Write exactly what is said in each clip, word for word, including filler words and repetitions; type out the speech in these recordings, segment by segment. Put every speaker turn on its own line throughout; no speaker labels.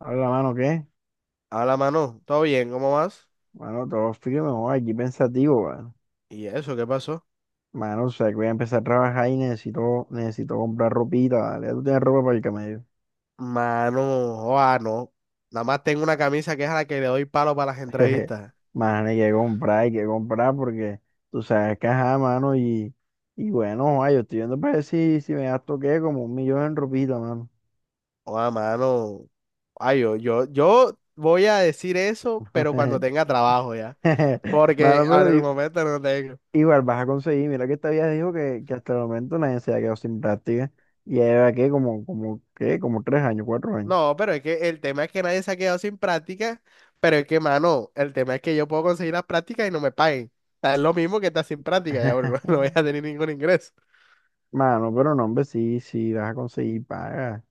Habla, mano, ¿qué?
Habla, mano. ¿Todo bien? ¿Cómo vas?
Mano, todo frío, no, aquí pensativo, mano.
¿Y eso qué pasó?
Mano, o sea, que voy a empezar a trabajar y necesito, necesito comprar ropita, ¿vale? Tú tienes ropa para el camello.
Mano, oa, no. Nada más tengo una camisa que es a la que le doy palo para las
Jeje.
entrevistas.
Mano, hay que comprar, hay que comprar porque tú sabes que ajá, mano, y, y bueno, ay, yo estoy viendo para ver si, si me gasto, ¿qué? Como un millón en ropita, mano.
Oa, mano. Ay, yo, yo, yo voy a decir eso, pero cuando tenga trabajo ya. Porque
Mano,
ahora
pero
en el
i-
momento no tengo.
igual vas a conseguir. Mira que esta vieja dijo que, que hasta el momento nadie se ha quedado sin práctica. Y ya lleva, ¿qué? Como, como, ¿qué? Como tres años, cuatro años.
No, pero es que el tema es que nadie se ha quedado sin práctica. Pero es que, mano, el tema es que yo puedo conseguir las prácticas y no me paguen. O sea, es lo mismo que estar sin práctica, ya, bro, no voy a tener ningún ingreso.
Mano, pero no, hombre, sí, sí, vas a conseguir paga.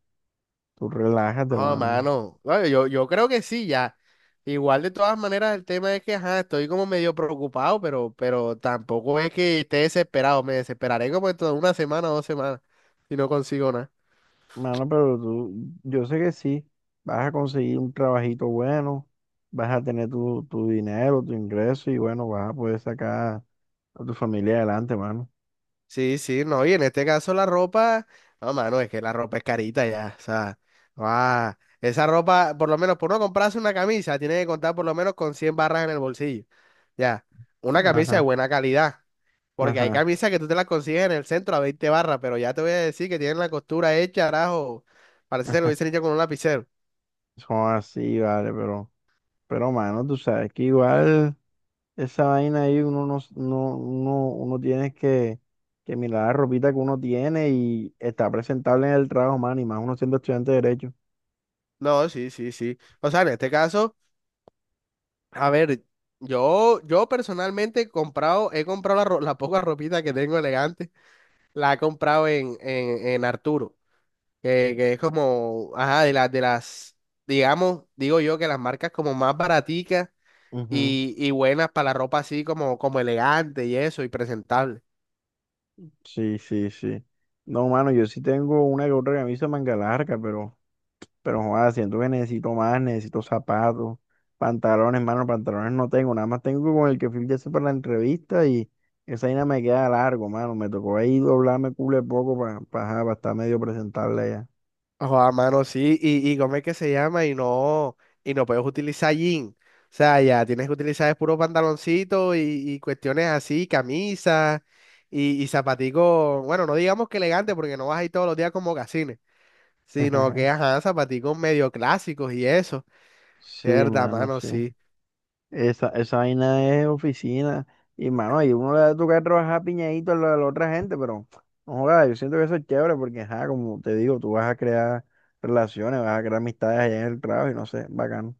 Tú relájate,
Ah,
mano.
mano. Bueno, yo, yo creo que sí, ya. Igual de todas maneras el tema es que, ajá, estoy como medio preocupado, pero, pero tampoco es que esté desesperado. Me desesperaré como en toda una semana o dos semanas si no consigo nada.
Mano, pero tú, yo sé que sí, vas a conseguir un trabajito bueno, vas a tener tu, tu dinero, tu ingreso y bueno, vas a poder sacar a tu familia adelante, mano.
Sí, sí, no, y en este caso la ropa, no, mano, es que la ropa es carita ya, o sea, ah, esa ropa, por lo menos, por no comprarse una camisa, tiene que contar por lo menos con cien barras en el bolsillo, ya, una camisa de
Ajá,
buena calidad. Porque hay
ajá,
camisas que tú te las consigues en el centro a veinte barras, pero ya te voy a decir que tienen la costura hecha, carajo. Parece que lo
ajá.
hubiesen hecho con un lapicero.
Son así, vale, pero, pero, mano, tú sabes que igual. Esa vaina ahí uno no, no, uno, uno tiene que, que mirar la ropita que uno tiene y está presentable en el trabajo, mano, y más uno siendo estudiante de Derecho.
No, sí, sí, sí. O sea, en este caso, a ver, yo, yo personalmente he comprado, he comprado la, ro- la poca ropita que tengo elegante, la he comprado en, en, en Arturo, que, que es como, ajá, de las, de las, digamos, digo yo que las marcas como más baraticas
Ujú.
y, y buenas para la ropa así como, como elegante y eso, y presentable.
Sí, sí, sí. No, mano, yo sí tengo una que otra camisa de manga larga, pero, pero joder, siento que necesito más, necesito zapatos, pantalones, mano, pantalones no tengo, nada más tengo con el que fui ya para la entrevista y esa vaina me queda largo, mano. Me tocó ahí doblarme culo de poco para, para, estar medio presentable ya.
Joder, mano, sí, y, y ¿cómo es que se llama? Y no, y no puedes utilizar jean. O sea, ya tienes que utilizar es puro pantaloncito y, y cuestiones así, camisas y, y zapaticos, bueno, no digamos que elegante porque no vas ahí todos los días con mocasines, sino que, ajá, zapaticos medio clásicos y eso. De
Sí,
verdad,
mano,
mano,
sí.
sí.
Esa, esa vaina es oficina. Y, mano, ahí uno le va a tocar trabajar piñadito a la, a la otra gente, pero no joda, yo siento que eso es chévere porque, ajá, como te digo, tú vas a crear relaciones, vas a crear amistades allá en el trabajo y no sé, bacano.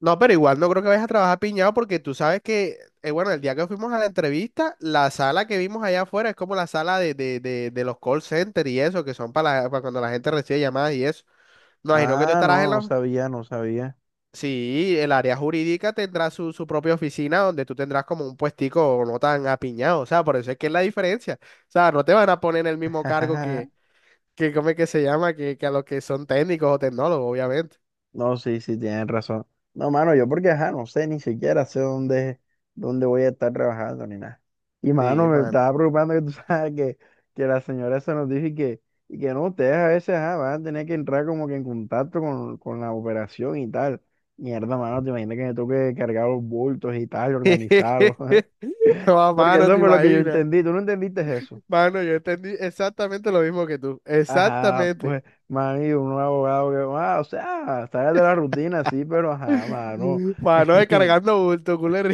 No, pero igual no creo que vayas a trabajar piñado porque tú sabes que, eh, bueno, el día que fuimos a la entrevista, la sala que vimos allá afuera es como la sala de, de, de, de los call centers y eso, que son para, la- para cuando la gente recibe llamadas y eso. Me imagino que tú
Ah,
estarás en
no, no
la...
sabía, no sabía.
Sí, el área jurídica tendrá su, su propia oficina donde tú tendrás como un puestico no tan apiñado, o sea, por eso es que es la diferencia. O sea, no te van a poner en el mismo cargo que, que ¿cómo es que se llama? Que, que a los que son técnicos o tecnólogos, obviamente.
No, sí, sí, tienes razón. No, mano, yo porque, ajá, no sé, ni siquiera sé dónde, dónde voy a estar trabajando ni nada. Y,
Sí,
mano, me
mano.
estaba preocupando que tú sabes que, que la señora esa nos dijo y que, y que no, ustedes a veces, ajá, van a tener que entrar como que en contacto con, con la operación y tal. Mierda, mano, te imaginas que me toque cargar los bultos y tal, y organizarlos.
No,
Porque
mano,
eso
te
fue lo que yo
imaginas.
entendí. ¿Tú no entendiste eso?
Mano, yo entendí exactamente lo mismo que tú.
Ajá,
Exactamente.
pues, mami, un abogado que, ah, o sea, sales de la rutina, sí, pero ajá, mano.
Mano, descargando bulto, culero.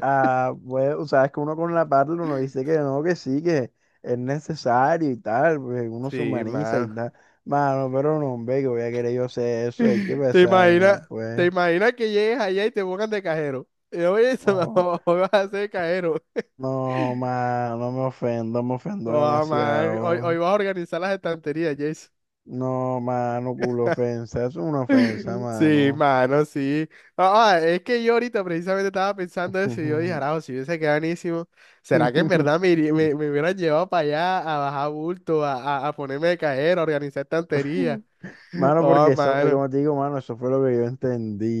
Ah, pues, o sea, es que uno con la parte uno dice que no, que sí, que es necesario y tal, pues uno se
Sí,
humaniza y
mano.
tal. Mano, pero no, hombre, que voy a querer yo hacer eso, es que pues,
¿Te
esa vaina,
imaginas, te
pues.
imaginas que llegues allá y te pongan de cajero? Y yo, oye, se me-
No,
hoy vas a ser cajero.
no, mano, no me ofendo, me ofendo
No, man. Hoy, hoy
demasiado.
vas a organizar las estanterías, Jason.
No, mano, culo ofensa, eso es una ofensa,
Sí,
mano.
mano, sí. Ah, ah, es que yo ahorita precisamente estaba pensando eso y yo dije, arajo, si hubiese quedado buenísimo, ¿será que en verdad me, iría- me, me hubieran llevado para allá a bajar bulto, a, a, a ponerme de cajero, a organizar estantería?
Mano,
Oh,
porque eso, eh,
mano.
como te digo, mano, eso fue lo que yo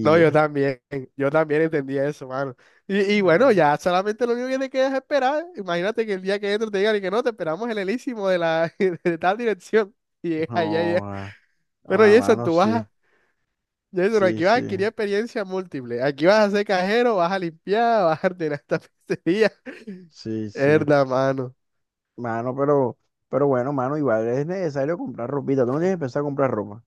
No, yo también, yo también entendí eso, mano. Y, y bueno,
No.
ya solamente lo único que te queda es esperar. Imagínate que el día que entro te digan y que no, te esperamos en el Elísimo de la de tal dirección. Y allá,
No,
allá.
ah, no,
Bueno,
ah,
Jason,
mano,
tú vas
sí,
a Jason,
sí,
aquí vas a
sí,
adquirir experiencia múltiple. Aquí vas a ser cajero, vas a limpiar, vas a ordenar esta pizzería.
sí, sí.
Herda, mano.
Mano, pero, pero bueno, mano, igual es necesario comprar ropita. Tú no tienes que pensar comprar ropa.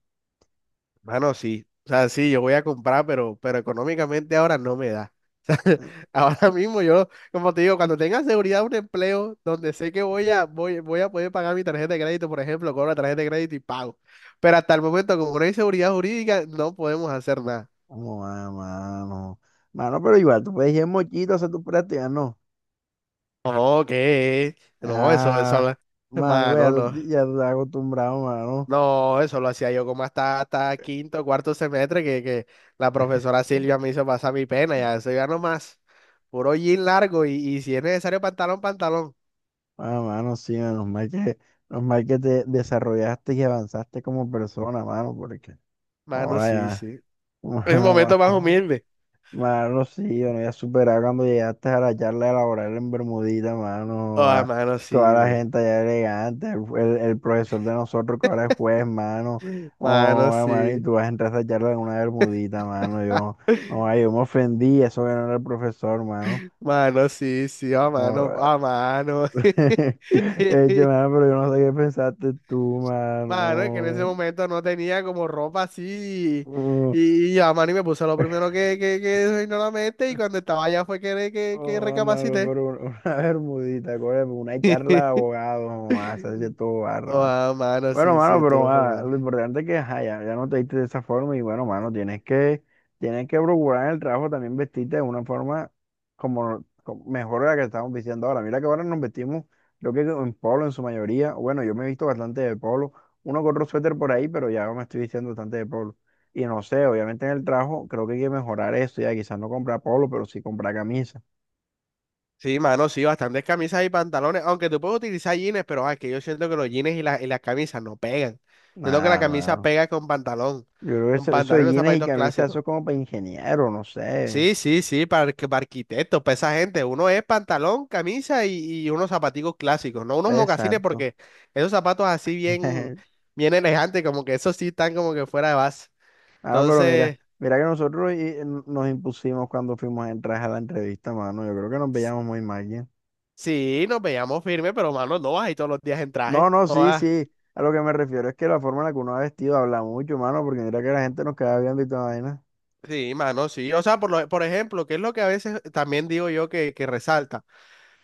Mano, sí. O sea, sí, yo voy a comprar, pero, pero económicamente ahora no me da. O sea, ahora mismo yo, como te digo, cuando tenga seguridad un empleo donde sé que voy a, voy, voy a poder pagar mi tarjeta de crédito, por ejemplo, cobro la tarjeta de crédito y pago. Pero hasta el momento, como no hay seguridad jurídica, no podemos hacer nada.
No, ah, mano. Mano, pero igual, tú puedes ir en mochito a hacer tus prácticas, ¿no?
No, ¿qué? No, eso,
Ah,
eso,
mano, igual ya
hermano,
tú,
no.
ya tú estás acostumbrado, mano.
No, eso lo hacía yo como hasta, hasta quinto, cuarto semestre, que, que la profesora Silvia me hizo pasar mi pena, ya eso ya no más. Puro jean largo y, y si es necesario pantalón, pantalón.
Ah, mano, sí, menos mal que, menos mal que te desarrollaste y avanzaste como persona, mano, porque
Mano,
oye,
sí, sí. Es un momento más
mano,
humilde.
mano, sí, yo no iba a superar cuando llegaste a la charla laboral en Bermudita, mano.
Oh,
A
mano,
toda
sí,
la
man.
gente allá elegante, el, el- el profesor de nosotros que ahora es juez, mano. Oh,
Mano,
mano, y
sí.
tú vas a entrar a esa charla en una Bermudita, mano. Yo, ay, yo me ofendí, eso que no era el profesor, mano.
Mano, sí, sí, oh, mano,
Joda.
oh, mano.
Eche, mano, pero yo no sé qué pensaste tú,
Mano, es que en ese
mano.
momento no tenía como ropa así
Mm.
y, y ya, mano, y me puse lo primero que, que, que se me vino a la mente y cuando estaba allá fue que, que, que
Oh, mano,
recapacité.
pero una una bermudita, coño, una charla de abogados, mamá, se hace todo barro,
Oh,
mano.
ah, mano,
Bueno,
sí,
mano,
sí, te voy
pero
a
ah, lo
formar.
importante es que ajá, ya, ya no te diste de esa forma y bueno, mano, tienes que, tienes que procurar en el trabajo también vestirte de una forma como, como mejor de la que estamos vistiendo ahora. Mira que ahora nos vestimos, creo que en polo en su mayoría. Bueno, yo me he visto bastante de polo, uno con otro suéter por ahí, pero ya me estoy vistiendo bastante de polo. Y no sé, obviamente en el trabajo creo que hay que mejorar eso, ya quizás no comprar polo, pero sí comprar camisas.
Sí, mano, sí, bastantes camisas y pantalones, aunque tú puedes utilizar jeans, pero ah, es que yo siento que los jeans y, la- y las camisas no pegan. Siento que la
Nada,
camisa
mano.
pega con pantalón,
Yo creo que
con
eso, eso
pantalón
de
y los
jeans y
zapatos
camisas, eso
clásicos.
es como para ingeniero, no sé.
Sí, sí, sí, para, arqu- para arquitectos, para esa gente. Uno es pantalón, camisa y, y unos zapaticos clásicos, no unos mocasines,
Exacto.
porque esos zapatos así bien, bien elegantes, como que esos sí están como que fuera de base.
Ah, pero mira,
Entonces,
mira que nosotros eh, no, nos impusimos cuando fuimos a entrar a la entrevista, mano. Yo creo que nos
s-
veíamos muy mal, ¿ya?
sí, nos veíamos firmes, pero mano, no vas ahí todos los días en traje.
No, no,
No
sí,
vas.
sí. A lo que me refiero es que la forma en la que uno ha vestido habla mucho, mano, porque mira que la gente nos queda viendo y toda vaina.
Sí, mano, sí. O sea, por, lo- por ejemplo, que es lo que a veces también digo yo que, que resalta.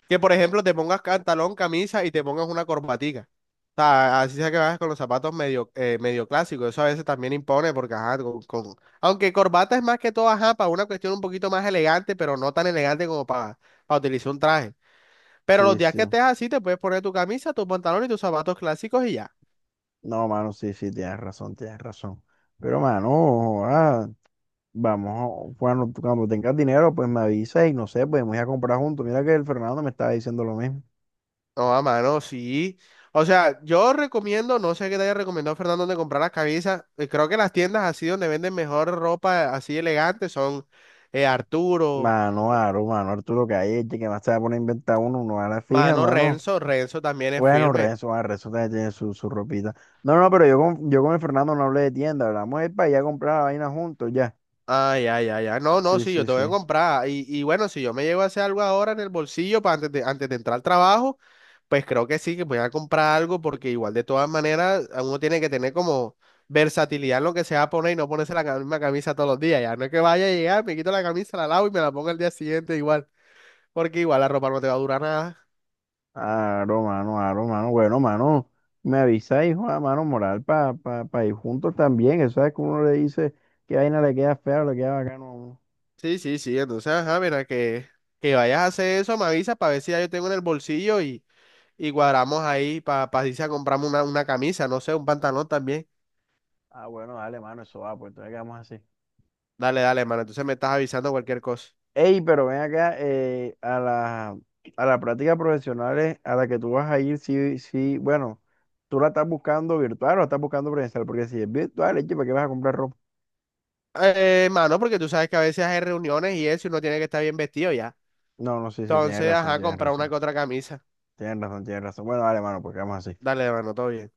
Que por ejemplo te pongas pantalón, camisa y te pongas una corbatica. O sea, así sea que vayas con los zapatos medio, eh, medio clásicos. Eso a veces también impone porque, ajá, con, con- Aunque corbata es más que todo, ajá, para una cuestión un poquito más elegante, pero no tan elegante como para, para utilizar un traje. Pero los
Sí,
días
sí.
que estés así, te puedes poner tu camisa, tu pantalón y tus zapatos clásicos y ya.
No, mano, sí, sí, tienes razón, tienes razón. Pero, mano, vamos, bueno, tú cuando tengas dinero, pues me avisas y no sé, podemos ir a comprar juntos. Mira que el Fernando me estaba diciendo lo mismo.
No, a mano, sí. O sea, yo recomiendo, no sé qué te haya recomendado Fernando de comprar las camisas. eh, Creo que las tiendas así donde venden mejor ropa así elegante son eh, Arturo.
Mano, Aro, mano, Arturo, que hay, este que más se va a poner a inventar uno, uno a la fija,
Mano,
mano.
Renzo, Renzo también es
Bueno,
firme.
Renzo, ah, Renzo también tiene su, su ropita. No, no, pero yo con, yo con el Fernando no hablé de tienda, hablamos de ir para allá a comprar la vaina juntos, ya.
Ay, ay, ay, ay. No, no,
Sí,
sí, yo
sí,
tengo que
sí.
comprar. Y, y bueno, si yo me llego a hacer algo ahora en el bolsillo para antes de, antes de entrar al trabajo, pues creo que sí, que voy a comprar algo porque igual de todas maneras a uno tiene que tener como versatilidad en lo que se va a poner y no ponerse la ca- misma camisa todos los días. Ya no es que vaya a llegar, me quito la camisa, la lavo y me la pongo el día siguiente igual, porque igual la ropa no te va a durar nada.
Aro, mano, aro, mano. Bueno, mano, me avisa, hijo, a mano, moral, para pa, pa pa ir juntos también. Eso es que uno le dice que vaina le queda fea o le queda bacano a uno.
Sí, sí, sí. Entonces, ajá, mira, que, que vayas a hacer eso, me avisas para ver si ya yo tengo en el bolsillo y... y cuadramos ahí para pa pa irse a comprarme una, una camisa, no sé, un pantalón también.
Ah, bueno, dale, mano, eso va, pues entonces quedamos así.
Dale, dale, mano. Entonces me estás avisando cualquier cosa.
Ey, pero ven acá, eh, a la, a la práctica profesional a la que tú vas a ir, sí, sí, bueno, tú la estás buscando virtual o la estás buscando presencial, porque si es virtual, eche, ¿para qué vas a comprar ropa?
Eh, mano, porque tú sabes que a veces hay reuniones y eso y uno tiene que estar bien vestido ya.
No, no, sí, sí, tienes
Entonces,
razón,
ajá,
tienes
comprar una
razón,
que otra camisa.
tienes razón, tienes razón. Bueno, dale, mano, pues quedamos así.
Dale, mano, todo bien.